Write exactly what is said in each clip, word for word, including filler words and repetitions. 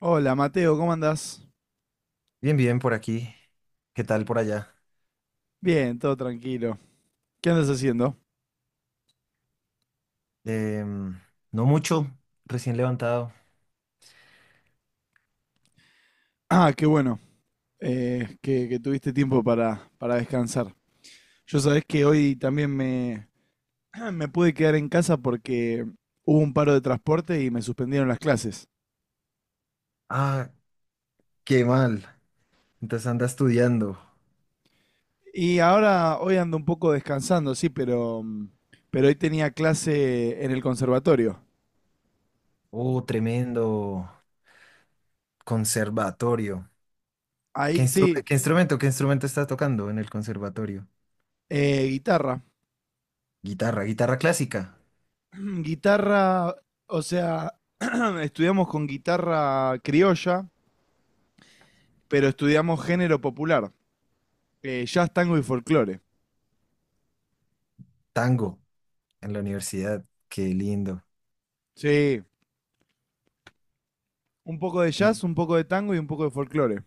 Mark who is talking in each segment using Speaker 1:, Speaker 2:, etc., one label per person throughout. Speaker 1: Hola Mateo, ¿cómo andás?
Speaker 2: Bien, bien, por aquí. ¿Qué tal por allá?
Speaker 1: Bien, todo tranquilo. ¿Qué andas haciendo?
Speaker 2: Em, no mucho, recién levantado.
Speaker 1: Ah, qué bueno, eh, que, que tuviste tiempo para, para descansar. Yo sabés que hoy también me, me pude quedar en casa porque hubo un paro de transporte y me suspendieron las clases.
Speaker 2: Ah, qué mal. Entonces anda estudiando.
Speaker 1: Y ahora hoy ando un poco descansando, sí, pero, mm, pero hoy tenía clase en el conservatorio.
Speaker 2: Oh, tremendo conservatorio. ¿Qué
Speaker 1: Ahí,
Speaker 2: instru-
Speaker 1: sí,
Speaker 2: Qué instrumento, qué instrumento estás tocando en el conservatorio?
Speaker 1: eh, guitarra.
Speaker 2: Guitarra, guitarra clásica,
Speaker 1: Guitarra, o sea, estudiamos con guitarra criolla pero estudiamos género popular, eh, jazz, tango y folclore.
Speaker 2: tango en la universidad. Qué lindo.
Speaker 1: Sí, un poco de
Speaker 2: Y,
Speaker 1: jazz, un poco de tango y un poco de folclore.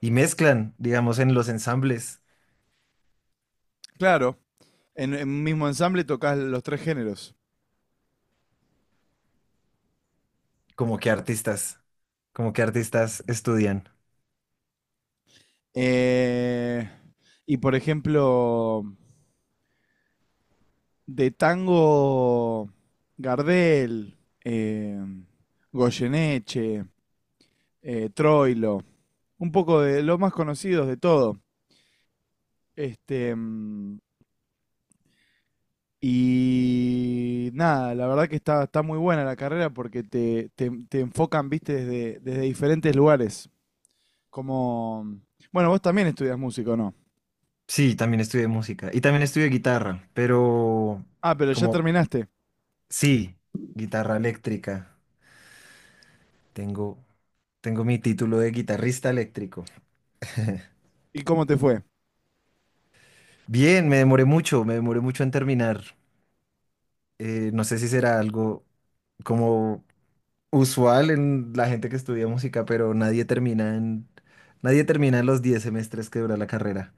Speaker 2: y mezclan, digamos, en los ensambles,
Speaker 1: Claro, en un mismo ensamble tocas los tres géneros.
Speaker 2: como que artistas, como que artistas estudian.
Speaker 1: Eh, y por ejemplo, de tango, Gardel, eh, Goyeneche, eh, Troilo, un poco de los más conocidos de todo. Este, mm, Y nada, la verdad que está, está muy buena la carrera porque te, te, te enfocan, viste, desde, desde diferentes lugares. Como, bueno, vos también estudias música, ¿o no?
Speaker 2: Sí, también estudié música y también estudié guitarra, pero
Speaker 1: Ah, pero ya
Speaker 2: como
Speaker 1: terminaste.
Speaker 2: sí, guitarra eléctrica. Tengo, tengo mi título de guitarrista eléctrico.
Speaker 1: ¿Y cómo te fue?
Speaker 2: Bien, me demoré mucho, me demoré mucho en terminar. Eh, no sé si será algo como usual en la gente que estudia música, pero nadie termina en, nadie termina en los diez semestres que dura la carrera.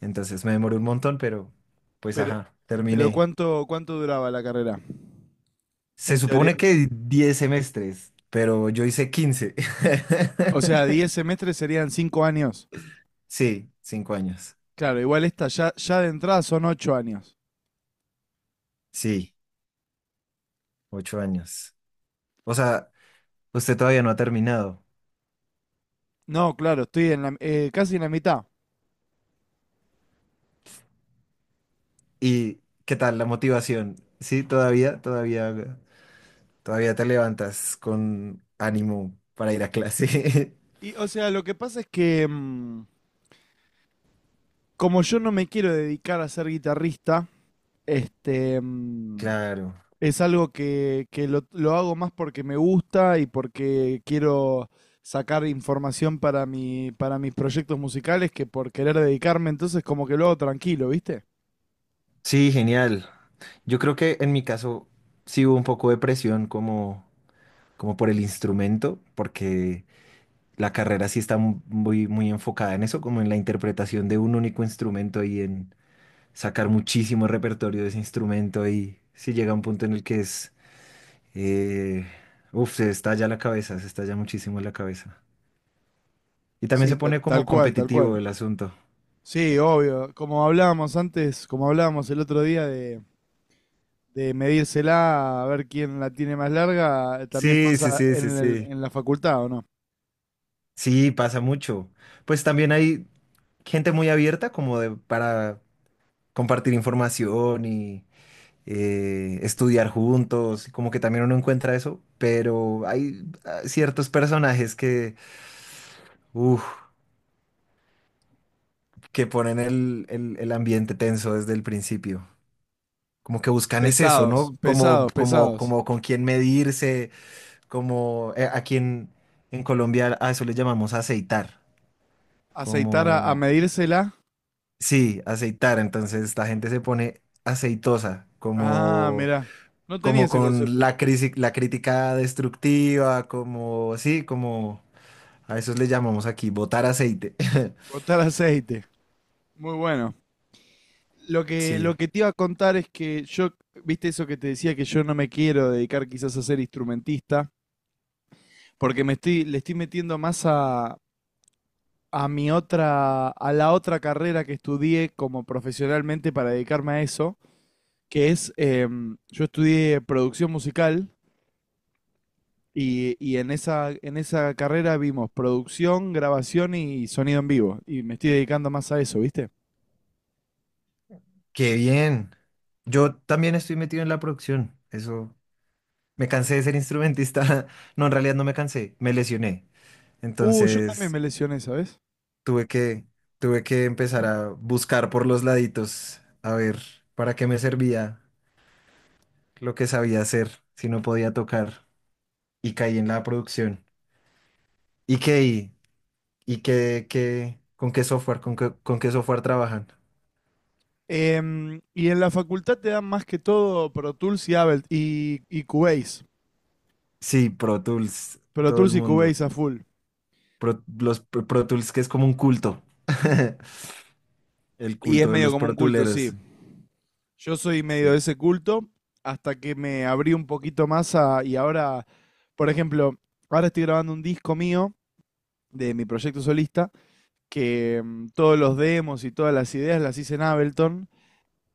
Speaker 2: Entonces me demoré un montón, pero pues
Speaker 1: Pero,
Speaker 2: ajá,
Speaker 1: pero
Speaker 2: terminé.
Speaker 1: ¿cuánto, cuánto duraba la carrera?
Speaker 2: Se
Speaker 1: En teoría.
Speaker 2: supone que diez semestres, pero yo hice quince.
Speaker 1: O sea, diez semestres serían cinco años.
Speaker 2: Sí, cinco años.
Speaker 1: Claro, igual esta ya, ya de entrada son ocho años.
Speaker 2: Sí, ocho años. O sea, usted todavía no ha terminado.
Speaker 1: No, claro, estoy en la, eh, casi en la mitad.
Speaker 2: ¿Y qué tal la motivación? Sí, todavía, todavía, todavía te levantas con ánimo para ir a clase.
Speaker 1: Y, o sea, lo que pasa es que, mm, como yo no me quiero dedicar a ser guitarrista. Este, mm,
Speaker 2: Claro.
Speaker 1: es algo que, que lo, lo hago más porque me gusta y porque quiero sacar información para mi, para mis proyectos musicales que por querer dedicarme, entonces como que lo hago tranquilo, ¿viste?
Speaker 2: Sí, genial. Yo creo que en mi caso sí hubo un poco de presión como, como por el instrumento, porque la carrera sí está mu- muy, muy enfocada en eso, como en la interpretación de un único instrumento y en sacar muchísimo repertorio de ese instrumento y si llega un punto en el que es, eh, uf, se estalla la cabeza, se estalla muchísimo la cabeza. Y también
Speaker 1: Sí,
Speaker 2: se
Speaker 1: tal,
Speaker 2: pone
Speaker 1: tal
Speaker 2: como
Speaker 1: cual, tal cual.
Speaker 2: competitivo el asunto.
Speaker 1: Sí, obvio. Como hablábamos antes, como hablábamos el otro día de, de medírsela a ver quién la tiene más larga, eh, también
Speaker 2: Sí, sí,
Speaker 1: pasa
Speaker 2: sí,
Speaker 1: en
Speaker 2: sí,
Speaker 1: el-
Speaker 2: sí.
Speaker 1: en la facultad, ¿o no?
Speaker 2: Sí, pasa mucho. Pues también hay gente muy abierta como de, para compartir información y eh, estudiar juntos, como que también uno encuentra eso, pero hay ah, ciertos personajes que, uf, que ponen el, el- el ambiente tenso desde el principio. Como que buscan es eso,
Speaker 1: Pesados,
Speaker 2: ¿no? Como,
Speaker 1: pesados,
Speaker 2: como,
Speaker 1: pesados.
Speaker 2: como con quién medirse, como eh, a quién en Colombia a eso le llamamos aceitar.
Speaker 1: Aceitar a, a
Speaker 2: Como,
Speaker 1: medírsela.
Speaker 2: sí, aceitar. Entonces la gente se pone aceitosa,
Speaker 1: Ah,
Speaker 2: como
Speaker 1: mirá. No tenía
Speaker 2: como
Speaker 1: ese
Speaker 2: con
Speaker 1: concepto.
Speaker 2: la crisis, la crítica destructiva, como, sí, como a eso le llamamos aquí, botar aceite.
Speaker 1: Botar aceite. Muy bueno. Lo que,
Speaker 2: Sí,
Speaker 1: lo que te iba a contar es que yo, viste eso que te decía que yo no me quiero dedicar quizás a ser instrumentista, porque me estoy, le estoy metiendo más a, a mi otra, a la otra carrera que estudié como profesionalmente para dedicarme a eso, que es, em, yo estudié producción musical y, y en esa, en esa carrera vimos producción, grabación y sonido en vivo. Y me estoy dedicando más a eso, ¿viste?
Speaker 2: qué bien. Yo también estoy metido en la producción. Eso, me cansé de ser instrumentista. No, en realidad no me cansé, me lesioné.
Speaker 1: Uh, yo también
Speaker 2: Entonces,
Speaker 1: me lesioné, ¿sabes?
Speaker 2: tuve que, tuve que empezar a buscar por los laditos, a ver para qué me servía lo que sabía hacer, si no podía tocar, y caí en la producción. ¿Y qué? ¿Y qué, qué, con qué software, con qué, con qué software trabajan?
Speaker 1: Em, y en la facultad te dan más que todo Pro Tools y Ableton y, y Cubase.
Speaker 2: Sí, Pro Tools,
Speaker 1: Pro
Speaker 2: todo el
Speaker 1: Tools y
Speaker 2: mundo.
Speaker 1: Cubase a full.
Speaker 2: Pro- los Pro Pro Tools que es como un culto. El
Speaker 1: Y es
Speaker 2: culto de
Speaker 1: medio
Speaker 2: los
Speaker 1: como un
Speaker 2: Pro
Speaker 1: culto, sí.
Speaker 2: Tooleros.
Speaker 1: Yo soy medio de
Speaker 2: Sí.
Speaker 1: ese culto hasta que me abrí un poquito más a, y ahora, por ejemplo, ahora estoy grabando un disco mío de mi proyecto solista, que mm, todos los demos y todas las ideas las hice en Ableton.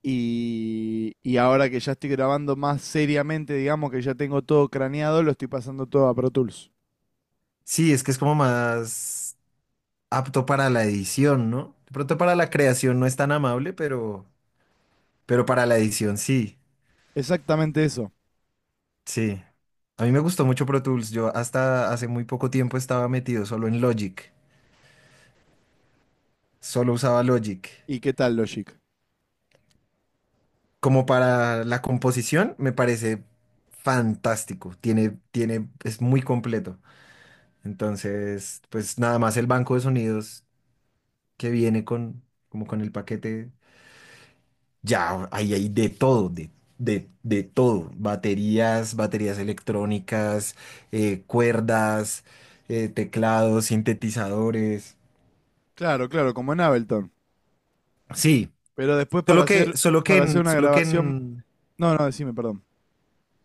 Speaker 1: Y, y ahora que ya estoy grabando más seriamente, digamos que ya tengo todo craneado, lo estoy pasando todo a Pro Tools.
Speaker 2: Sí, es que es como más apto para la edición, ¿no? De pronto para la creación no es tan amable, pero, pero para la edición sí.
Speaker 1: Exactamente eso.
Speaker 2: Sí. A mí me gustó mucho Pro Tools. Yo hasta hace muy poco tiempo estaba metido solo en Logic. Solo usaba Logic.
Speaker 1: ¿Y qué tal, Logic?
Speaker 2: Como para la composición, me parece fantástico. Tiene, tiene, es muy completo. Entonces, pues nada más el banco de sonidos que viene con, como con el paquete, ya ahí hay de todo, de, de, de todo. Baterías, baterías electrónicas, eh, cuerdas, eh, teclados, sintetizadores.
Speaker 1: Claro, claro, como en Ableton.
Speaker 2: Sí,
Speaker 1: Pero después para
Speaker 2: solo que,
Speaker 1: hacer,
Speaker 2: solo que
Speaker 1: para hacer
Speaker 2: en,
Speaker 1: una
Speaker 2: solo que
Speaker 1: grabación...
Speaker 2: en,
Speaker 1: No, no, decime, perdón.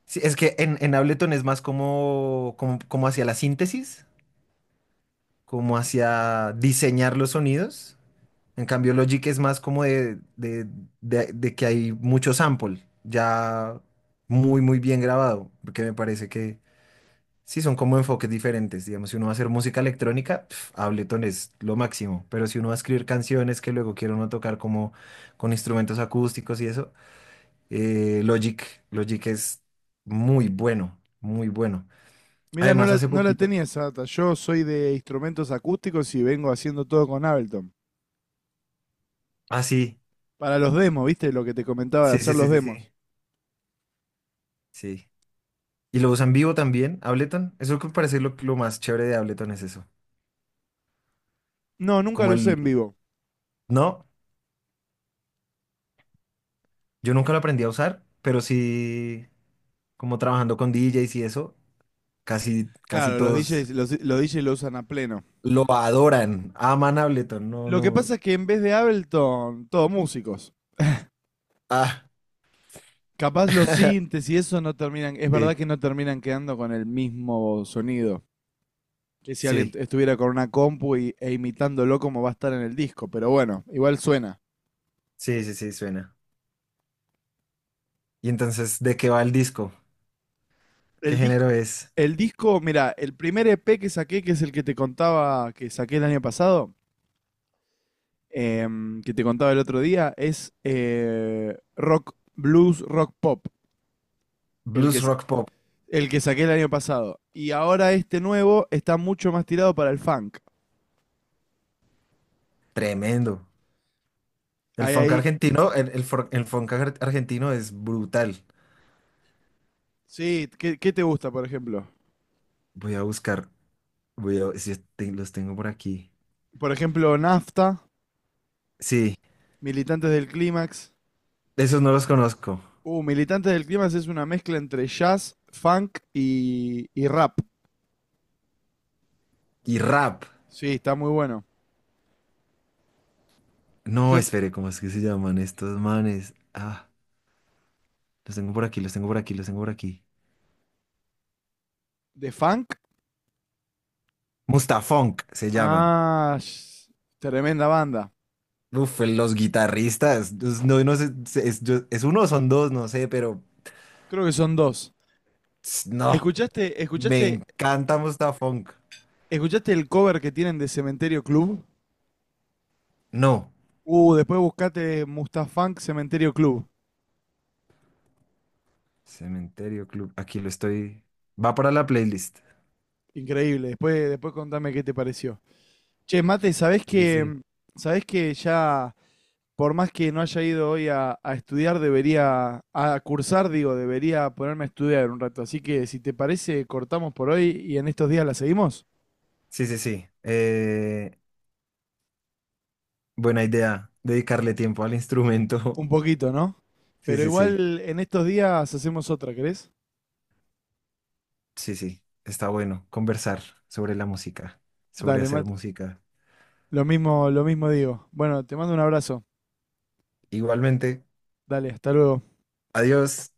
Speaker 2: sí, es que en, en Ableton es más como, como, como hacia la síntesis. Como hacia diseñar los sonidos. En cambio, Logic es más como de, de, de- de que hay mucho sample, ya muy, muy bien grabado, porque me parece que sí son como enfoques diferentes. Digamos, si uno va a hacer música electrónica, pf, Ableton es lo máximo, pero si uno va a escribir canciones que luego quiere uno tocar como con instrumentos acústicos y eso, eh, Logic, Logic es muy bueno, muy bueno.
Speaker 1: Mira, no
Speaker 2: Además,
Speaker 1: la,
Speaker 2: hace
Speaker 1: no la
Speaker 2: poquito,
Speaker 1: tenía esa data. Yo soy de instrumentos acústicos y vengo haciendo todo con Ableton.
Speaker 2: ah, sí,
Speaker 1: Para los demos, ¿viste? Lo que te comentaba de
Speaker 2: sí, sí,
Speaker 1: hacer los
Speaker 2: sí, sí, sí.
Speaker 1: demos.
Speaker 2: Sí. Y lo usan vivo también, Ableton. Eso es lo que me parece lo, lo más chévere de Ableton es eso.
Speaker 1: No, nunca
Speaker 2: Como
Speaker 1: lo usé
Speaker 2: el,
Speaker 1: en vivo.
Speaker 2: no, yo nunca lo aprendí a usar, pero sí, como trabajando con D Js y eso, casi, casi
Speaker 1: Claro, los
Speaker 2: todos
Speaker 1: D Js, los, los D Js lo usan a pleno.
Speaker 2: lo adoran, aman Ableton. No,
Speaker 1: Lo
Speaker 2: no.
Speaker 1: que pasa es que en vez de Ableton, todos músicos.
Speaker 2: Ah,
Speaker 1: Capaz los sintes y eso no terminan, es verdad
Speaker 2: sí,
Speaker 1: que no terminan quedando con el mismo sonido. Que si alguien
Speaker 2: sí,
Speaker 1: estuviera con una compu y, e imitándolo como va a estar en el disco. Pero bueno, igual suena.
Speaker 2: sí, sí, sí, suena. Y entonces, ¿de qué va el disco? ¿Qué
Speaker 1: El disco,
Speaker 2: género es?
Speaker 1: el disco, mira, el primer E P que saqué, que es el que te contaba, que saqué el año pasado, em, que te contaba el otro día, es eh, rock, blues, rock pop, el que,
Speaker 2: Blues rock pop.
Speaker 1: el que saqué el año pasado. Y ahora este nuevo está mucho más tirado para el funk.
Speaker 2: Tremendo. El
Speaker 1: Ahí,
Speaker 2: funk
Speaker 1: ahí,
Speaker 2: argentino, el, el, for- el funk ar- argentino es brutal.
Speaker 1: sí, ¿qué, qué te gusta, por ejemplo?
Speaker 2: Voy a buscar. Voy a- ver si te- los tengo por aquí.
Speaker 1: Por ejemplo, Nafta,
Speaker 2: Sí,
Speaker 1: Militantes del Clímax.
Speaker 2: esos no los conozco.
Speaker 1: Uh, Militantes del Clima es una mezcla entre jazz, funk y, y rap.
Speaker 2: Y rap.
Speaker 1: Sí, está muy bueno.
Speaker 2: No,
Speaker 1: Yo,
Speaker 2: espere, ¿cómo es que se llaman estos manes? Ah, los tengo por aquí, los tengo por aquí, los tengo por aquí.
Speaker 1: ¿De funk?
Speaker 2: Mustafunk se llaman.
Speaker 1: Ah, sh- tremenda banda.
Speaker 2: Uf, los guitarristas. Pues, no, no sé, se- es, yo- es uno o son dos, no sé, pero
Speaker 1: Creo que son dos.
Speaker 2: ps, no.
Speaker 1: ¿Escuchaste,
Speaker 2: Me
Speaker 1: escuchaste,
Speaker 2: encanta Mustafunk.
Speaker 1: escuchaste el cover que tienen de Cementerio Club?
Speaker 2: No.
Speaker 1: Uh, después buscate Mustafunk Cementerio Club.
Speaker 2: Cementerio Club. Aquí lo estoy. Va para la playlist.
Speaker 1: Increíble. Después, después contame qué te pareció. Che, Mate, ¿sabés
Speaker 2: Sí, sí,
Speaker 1: que,
Speaker 2: sí.
Speaker 1: sabés que ya por más que no haya ido hoy a, a estudiar, debería, a cursar, digo, debería ponerme a estudiar un rato. Así que si te parece, cortamos por hoy y en estos días la seguimos.
Speaker 2: Sí, sí, sí. Eh, Buena idea, dedicarle tiempo al instrumento.
Speaker 1: Un poquito, ¿no?
Speaker 2: Sí,
Speaker 1: Pero
Speaker 2: sí, sí,
Speaker 1: igual en estos días hacemos otra, ¿querés?
Speaker 2: sí, sí, está bueno conversar sobre la música, sobre
Speaker 1: Dale,
Speaker 2: hacer
Speaker 1: Mati.
Speaker 2: música.
Speaker 1: Lo mismo, lo mismo digo. Bueno, te mando un abrazo.
Speaker 2: Igualmente,
Speaker 1: Dale, hasta luego.
Speaker 2: adiós.